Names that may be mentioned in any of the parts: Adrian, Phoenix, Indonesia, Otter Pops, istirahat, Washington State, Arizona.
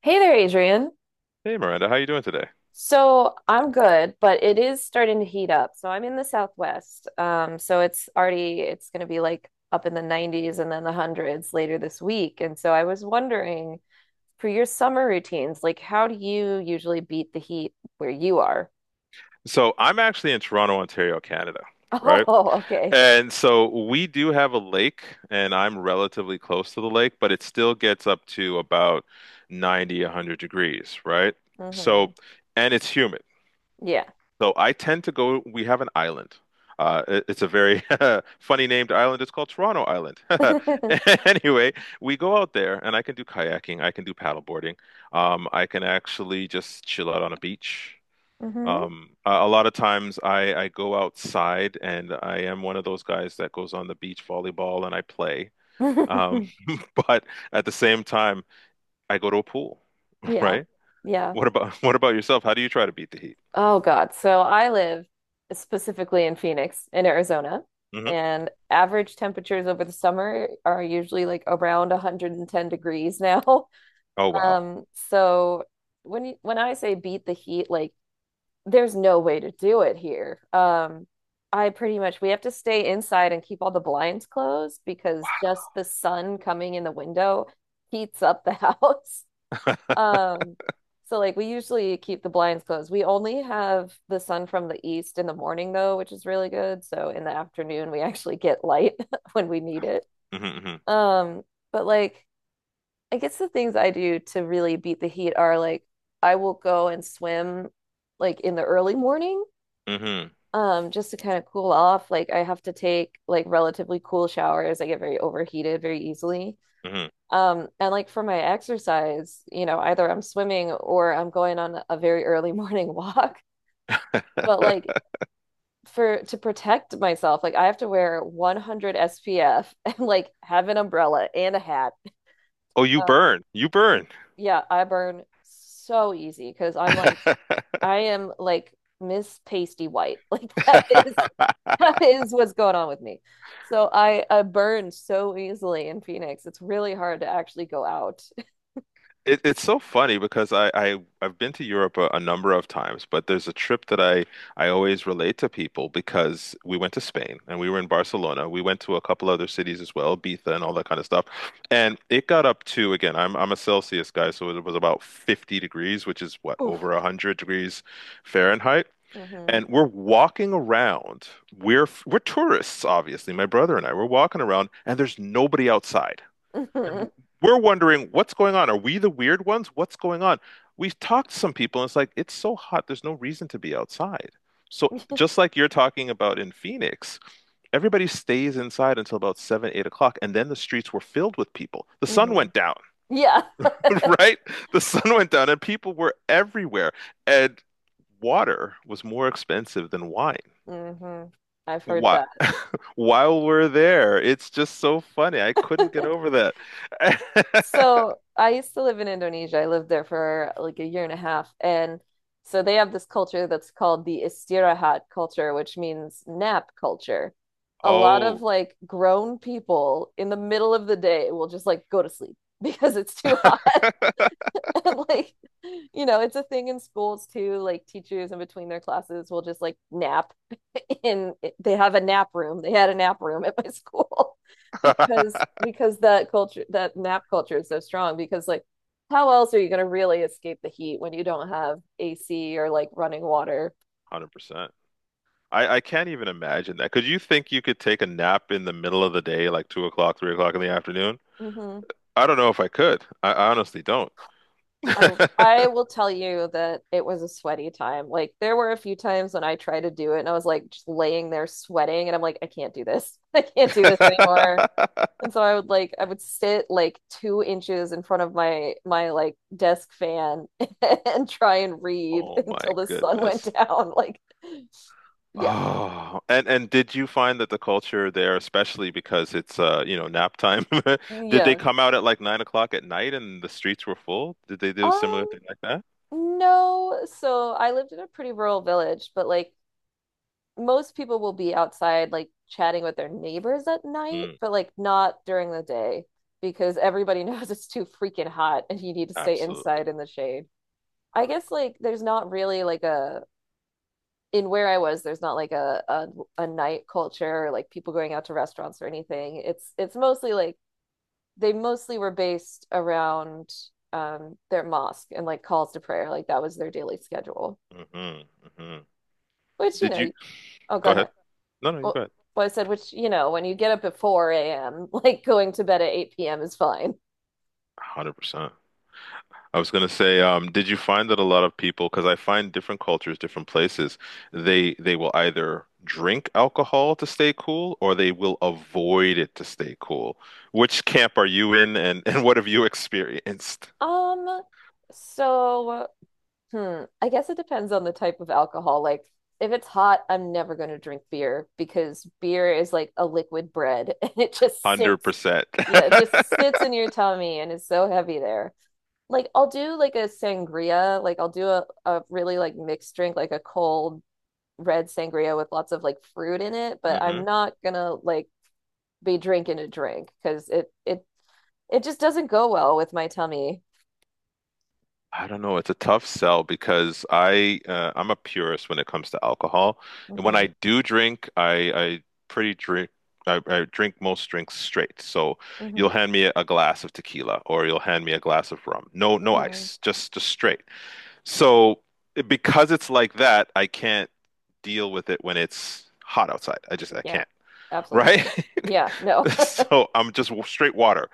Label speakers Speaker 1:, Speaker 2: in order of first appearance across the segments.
Speaker 1: Hey there, Adrian.
Speaker 2: Hey Miranda, how you doing today?
Speaker 1: So I'm good, but it is starting to heat up. So I'm in the Southwest. So it's going to be like up in the 90s and then the hundreds later this week. And so I was wondering for your summer routines, like how do you usually beat the heat where you are?
Speaker 2: So I'm actually in Toronto, Ontario, Canada, right?
Speaker 1: Oh, okay.
Speaker 2: And so we do have a lake, and I'm relatively close to the lake, but it still gets up to about 90, 100 degrees, right?
Speaker 1: Hmm.
Speaker 2: So, and it's humid.
Speaker 1: Yeah.
Speaker 2: So I tend to go, we have an island. It's a very funny named island. It's called Toronto Island. Anyway, we go out there, and I can do kayaking, I can do paddleboarding. I can actually just chill out on a beach.
Speaker 1: Hmm.
Speaker 2: A lot of times I go outside and I am one of those guys that goes on the beach volleyball and I play. Um, but at the same time, I go to a pool,
Speaker 1: Yeah.
Speaker 2: right?
Speaker 1: Yeah.
Speaker 2: What about what about yourself? How do you try to beat the heat?
Speaker 1: Oh God. So I live specifically in Phoenix, in Arizona,
Speaker 2: Hmm.
Speaker 1: and average temperatures over the summer are usually like around 110 degrees now.
Speaker 2: Oh wow.
Speaker 1: Um, so when I say beat the heat, like there's no way to do it here. I pretty much we have to stay inside and keep all the blinds closed because just the sun coming in the window heats up the house. Um, so like we usually keep the blinds closed. We only have the sun from the east in the morning though, which is really good. So in the afternoon we actually get light when we need it.
Speaker 2: Hmm. Hmm.
Speaker 1: Um, but like I guess the things I do to really beat the heat are like I will go and swim like in the early morning,
Speaker 2: Hmm.
Speaker 1: just to kind of cool off. Like I have to take like relatively cool showers. I get very overheated very easily.
Speaker 2: Hmm.
Speaker 1: And like for my exercise, you know, either I'm swimming or I'm going on a very early morning walk. But like for to protect myself, like I have to wear 100 SPF and like have an umbrella and a hat.
Speaker 2: Oh, you
Speaker 1: Uh,
Speaker 2: burn. You burn.
Speaker 1: yeah, I burn so easy because I am like Miss Pasty White. Like that is what's going on with me. So I burn so easily in Phoenix. It's really hard to actually go out.
Speaker 2: It's so funny because I've been to Europe a number of times, but there's a trip that I always relate to people because we went to Spain and we were in Barcelona. We went to a couple other cities as well, Ibiza and all that kind of stuff. And it got up to again, I'm a Celsius guy, so it was about 50 degrees, which is what, over
Speaker 1: Oof.
Speaker 2: 100 degrees Fahrenheit.
Speaker 1: Hmm.
Speaker 2: And we're walking around. We're tourists, obviously. My brother and I, we're walking around and there's nobody outside. And we're wondering what's going on. Are we the weird ones? What's going on? We've talked to some people, and it's like it's so hot. There's no reason to be outside. So just like you're talking about in Phoenix, everybody stays inside until about seven, 8 o'clock, and then the streets were filled with people. The sun
Speaker 1: Hmm.
Speaker 2: went down,
Speaker 1: Yeah.
Speaker 2: right? The sun went down, and people were everywhere. And water was more expensive than wine.
Speaker 1: Hmm. I've heard
Speaker 2: Why,
Speaker 1: that.
Speaker 2: while we're there, it's just so funny. I couldn't get over that.
Speaker 1: So I used to live in Indonesia. I lived there for like a year and a half. And so they have this culture that's called the istirahat culture, which means nap culture. A lot of
Speaker 2: Oh.
Speaker 1: like grown people in the middle of the day will just like go to sleep because it's too hot. And like you know it's a thing in schools too, like teachers in between their classes will just like nap in they have a nap room, they had a nap room at my school, because because that culture, that nap culture is so strong because like how else are you going to really escape the heat when you don't have ac or like running water.
Speaker 2: 100%. I can't even imagine that. Could you think you could take a nap in the middle of the day, like 2 o'clock, 3 o'clock in the afternoon?
Speaker 1: Mm-hmm.
Speaker 2: I don't know if I could. I honestly don't.
Speaker 1: i I will tell you that it was a sweaty time. Like there were a few times when I tried to do it and I was like just laying there sweating and I'm like, I can't do this. I can't do this anymore. And so I would like I would sit like 2 inches in front of my like desk fan and try and read
Speaker 2: Oh my
Speaker 1: until the sun went
Speaker 2: goodness.
Speaker 1: down. Like, yeah,
Speaker 2: Oh, and did you find that the culture there, especially because it's nap time, did they
Speaker 1: yeah.
Speaker 2: come out at like 9 o'clock at night and the streets were full? Did they do a similar
Speaker 1: Um,
Speaker 2: thing like that?
Speaker 1: no. So I lived in a pretty rural village, but like most people will be outside like chatting with their neighbors at night,
Speaker 2: Mm,
Speaker 1: but like not during the day because everybody knows it's too freaking hot and you need to stay
Speaker 2: absolutely.
Speaker 1: inside in the shade. I guess like there's not really like a in where I was, there's not like a a night culture or like people going out to restaurants or anything. It's mostly like they mostly were based around their mosque and like calls to prayer. Like that was their daily schedule.
Speaker 2: Hmm. Hmm.
Speaker 1: Which, you
Speaker 2: Did you
Speaker 1: know, oh go
Speaker 2: Go ahead?
Speaker 1: ahead.
Speaker 2: No, no, you go
Speaker 1: Well,
Speaker 2: ahead.
Speaker 1: I said, which, you know, when you get up at 4 a.m., like going to bed at 8 p.m. is fine.
Speaker 2: 100%. I was going to say, did you find that a lot of people, because I find different cultures, different places, they will either drink alcohol to stay cool or they will avoid it to stay cool. Which camp are you in and, and what have you experienced?
Speaker 1: Um, so Hmm. I guess it depends on the type of alcohol. Like, if it's hot, I'm never going to drink beer because beer is like a liquid bread and it just
Speaker 2: 100%.
Speaker 1: sits. Yeah, it
Speaker 2: percent
Speaker 1: just sits in your tummy and is so heavy there. Like, I'll do like a sangria. Like, I'll do a really like mixed drink, like a cold red sangria with lots of like fruit in it, but I'm not gonna like be drinking a drink because it just doesn't go well with my tummy.
Speaker 2: I don't know. It's a tough sell because I'm a purist when it comes to alcohol, and when
Speaker 1: Hmm.
Speaker 2: I do drink, pretty drink I drink most drinks straight. So you'll
Speaker 1: Hmm.
Speaker 2: hand me a glass of tequila or you'll hand me a glass of rum. No
Speaker 1: Hmm.
Speaker 2: ice, just straight. So because it's like that, I can't deal with it when it's hot outside. I
Speaker 1: Yeah,
Speaker 2: can't. Right?
Speaker 1: absolutely. Yeah, no.
Speaker 2: So I'm just straight water,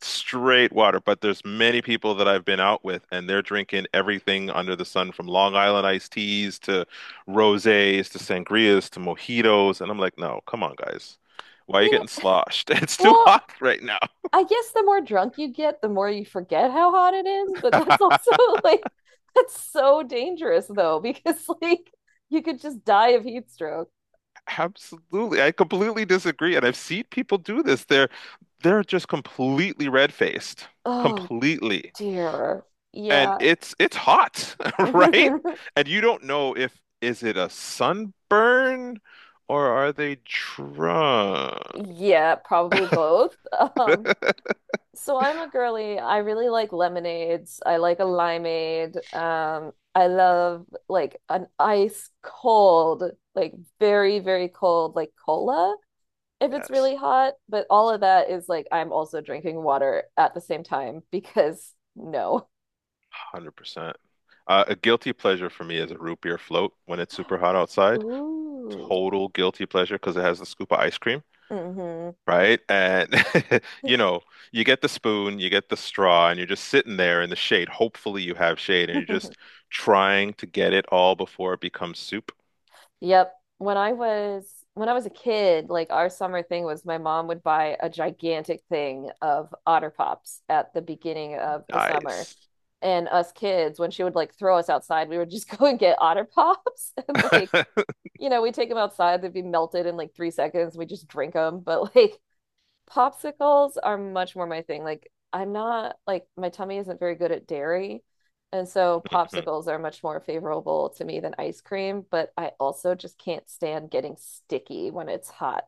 Speaker 2: straight water. But there's many people that I've been out with, and they're drinking everything under the sun, from Long Island iced teas to rosés to sangrias to mojitos, and I'm like, no, come on, guys, why are you
Speaker 1: You know,
Speaker 2: getting sloshed? It's too
Speaker 1: well,
Speaker 2: hot right now.
Speaker 1: I guess the more drunk you get, the more you forget how hot it is, but that's also like that's so dangerous though because like you could just die of heat stroke.
Speaker 2: Absolutely, I completely disagree, and I've seen people do this. They're just completely red-faced,
Speaker 1: Oh
Speaker 2: completely.
Speaker 1: dear.
Speaker 2: And
Speaker 1: Yeah.
Speaker 2: it's hot, right? And you don't know if is it a sunburn or are they drunk?
Speaker 1: Yeah, probably both. Um So I'm a girly. I really like lemonades. I like a limeade. I love like an ice cold, like very, very cold, like cola if it's really
Speaker 2: Yes,
Speaker 1: hot. But all of that is like I'm also drinking water at the same time because no.
Speaker 2: 100%. A guilty pleasure for me is a root beer float when it's super hot outside.
Speaker 1: Ooh.
Speaker 2: Total guilty pleasure because it has the scoop of ice cream,
Speaker 1: Mm-hmm.
Speaker 2: right? And you know, you get the spoon, you get the straw, and you're just sitting there in the shade. Hopefully you have shade and you're just trying to get it all before it becomes soup.
Speaker 1: Yep. When I was a kid, like our summer thing was my mom would buy a gigantic thing of Otter Pops at the beginning of the summer.
Speaker 2: Nice.
Speaker 1: And us kids when she would like throw us outside, we would just go and get Otter Pops and like, you know, we take them outside, they'd be melted in like 3 seconds, we just drink them, but like popsicles are much more my thing, like I'm not like my tummy isn't very good at dairy, and so popsicles are much more favorable to me than ice cream, but I also just can't stand getting sticky when it's hot.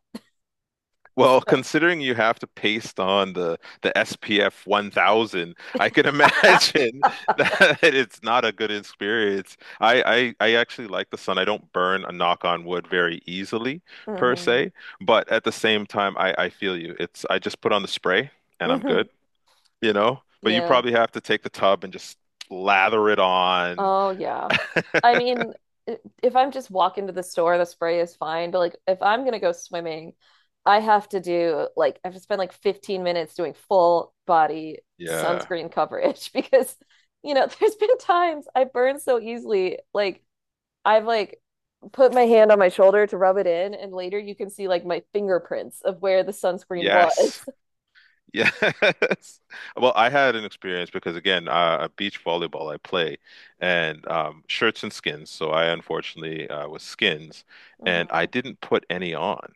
Speaker 2: Well, considering you have to paste on the SPF 1000, I can imagine that it's not a good experience. I actually like the sun. I don't burn a knock on wood very easily per
Speaker 1: Mm-hmm.
Speaker 2: se, but at the same time, I feel you. It's I just put on the spray and I'm
Speaker 1: Mm-hmm.
Speaker 2: good, you know? But you
Speaker 1: Yeah.
Speaker 2: probably have to take the tub and just lather it on.
Speaker 1: Oh yeah. I mean, if I'm just walking to the store, the spray is fine. But like if I'm gonna go swimming, I have to spend like 15 minutes doing full body
Speaker 2: Yeah.
Speaker 1: sunscreen coverage because you know, there's been times I burn so easily. Like I've like put my hand on my shoulder to rub it in, and later you can see like my fingerprints of where the sunscreen
Speaker 2: Yes.
Speaker 1: was.
Speaker 2: Yes. Well, I had an experience because again, beach volleyball I play and shirts and skins. So I unfortunately was skins and I
Speaker 1: Mhm.
Speaker 2: didn't put any on.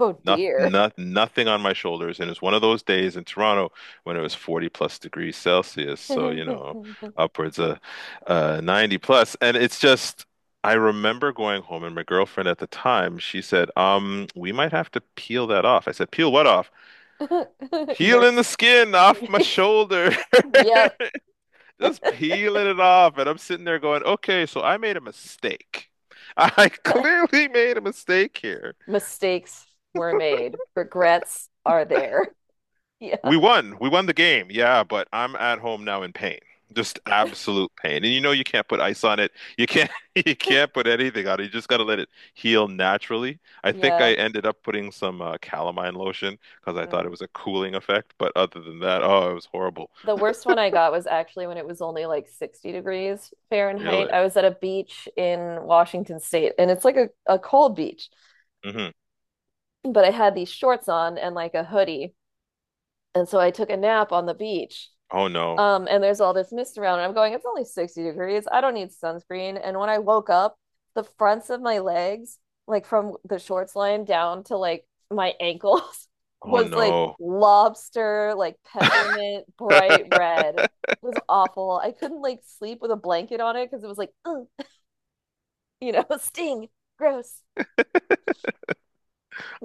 Speaker 1: Oh dear.
Speaker 2: Nothing on my shoulders. And it was one of those days in Toronto when it was 40 plus degrees Celsius. So, upwards of 90 plus. And it's just, I remember going home and my girlfriend at the time, she said, we might have to peel that off. I said, peel what, peeling
Speaker 1: Yours.
Speaker 2: the skin off my shoulder,
Speaker 1: Yep.
Speaker 2: just peeling it off. And I'm sitting there going, okay, so I made a mistake. I clearly made a mistake here.
Speaker 1: Mistakes were made. Regrets are there. Yeah.
Speaker 2: We won. We won the game. Yeah, but I'm at home now in pain. Just absolute pain. And you know you can't put ice on it. You can't you can't put anything on it. You just got to let it heal naturally. I think
Speaker 1: Yeah.
Speaker 2: I ended up putting some calamine lotion because I thought it
Speaker 1: Mm.
Speaker 2: was a cooling effect, but other than that, oh, it was horrible.
Speaker 1: The worst one I got was actually when it was only like 60 degrees Fahrenheit.
Speaker 2: Really?
Speaker 1: I was at a beach in Washington State and it's like a cold beach,
Speaker 2: Hmm.
Speaker 1: but I had these shorts on and like a hoodie. And so I took a nap on the beach.
Speaker 2: Oh no.
Speaker 1: And there's all this mist around, and I'm going, it's only 60 degrees. I don't need sunscreen. And when I woke up, the fronts of my legs, like from the shorts line down to like my ankles,
Speaker 2: Oh
Speaker 1: was like
Speaker 2: no.
Speaker 1: lobster, like peppermint, bright red. It was awful. I couldn't like sleep with a blanket on it because it was like, you know, sting, gross.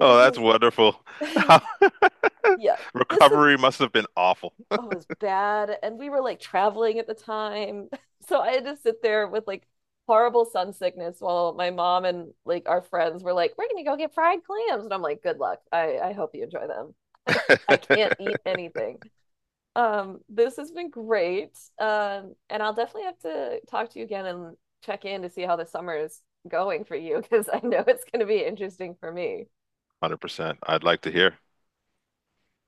Speaker 2: Oh, that's
Speaker 1: is,
Speaker 2: wonderful.
Speaker 1: yeah, this is
Speaker 2: Recovery must have been awful.
Speaker 1: oh, it was bad. And we were like traveling at the time. So I had to sit there with like horrible sun sickness while my mom and like our friends were like, we're going to go get fried clams. And I'm like, good luck. I hope you enjoy them. I, I can't eat anything. This has been great. And I'll definitely have to talk to you again and check in to see how the summer is going for you because I know it's going to be interesting for me.
Speaker 2: 100%. I'd like to hear.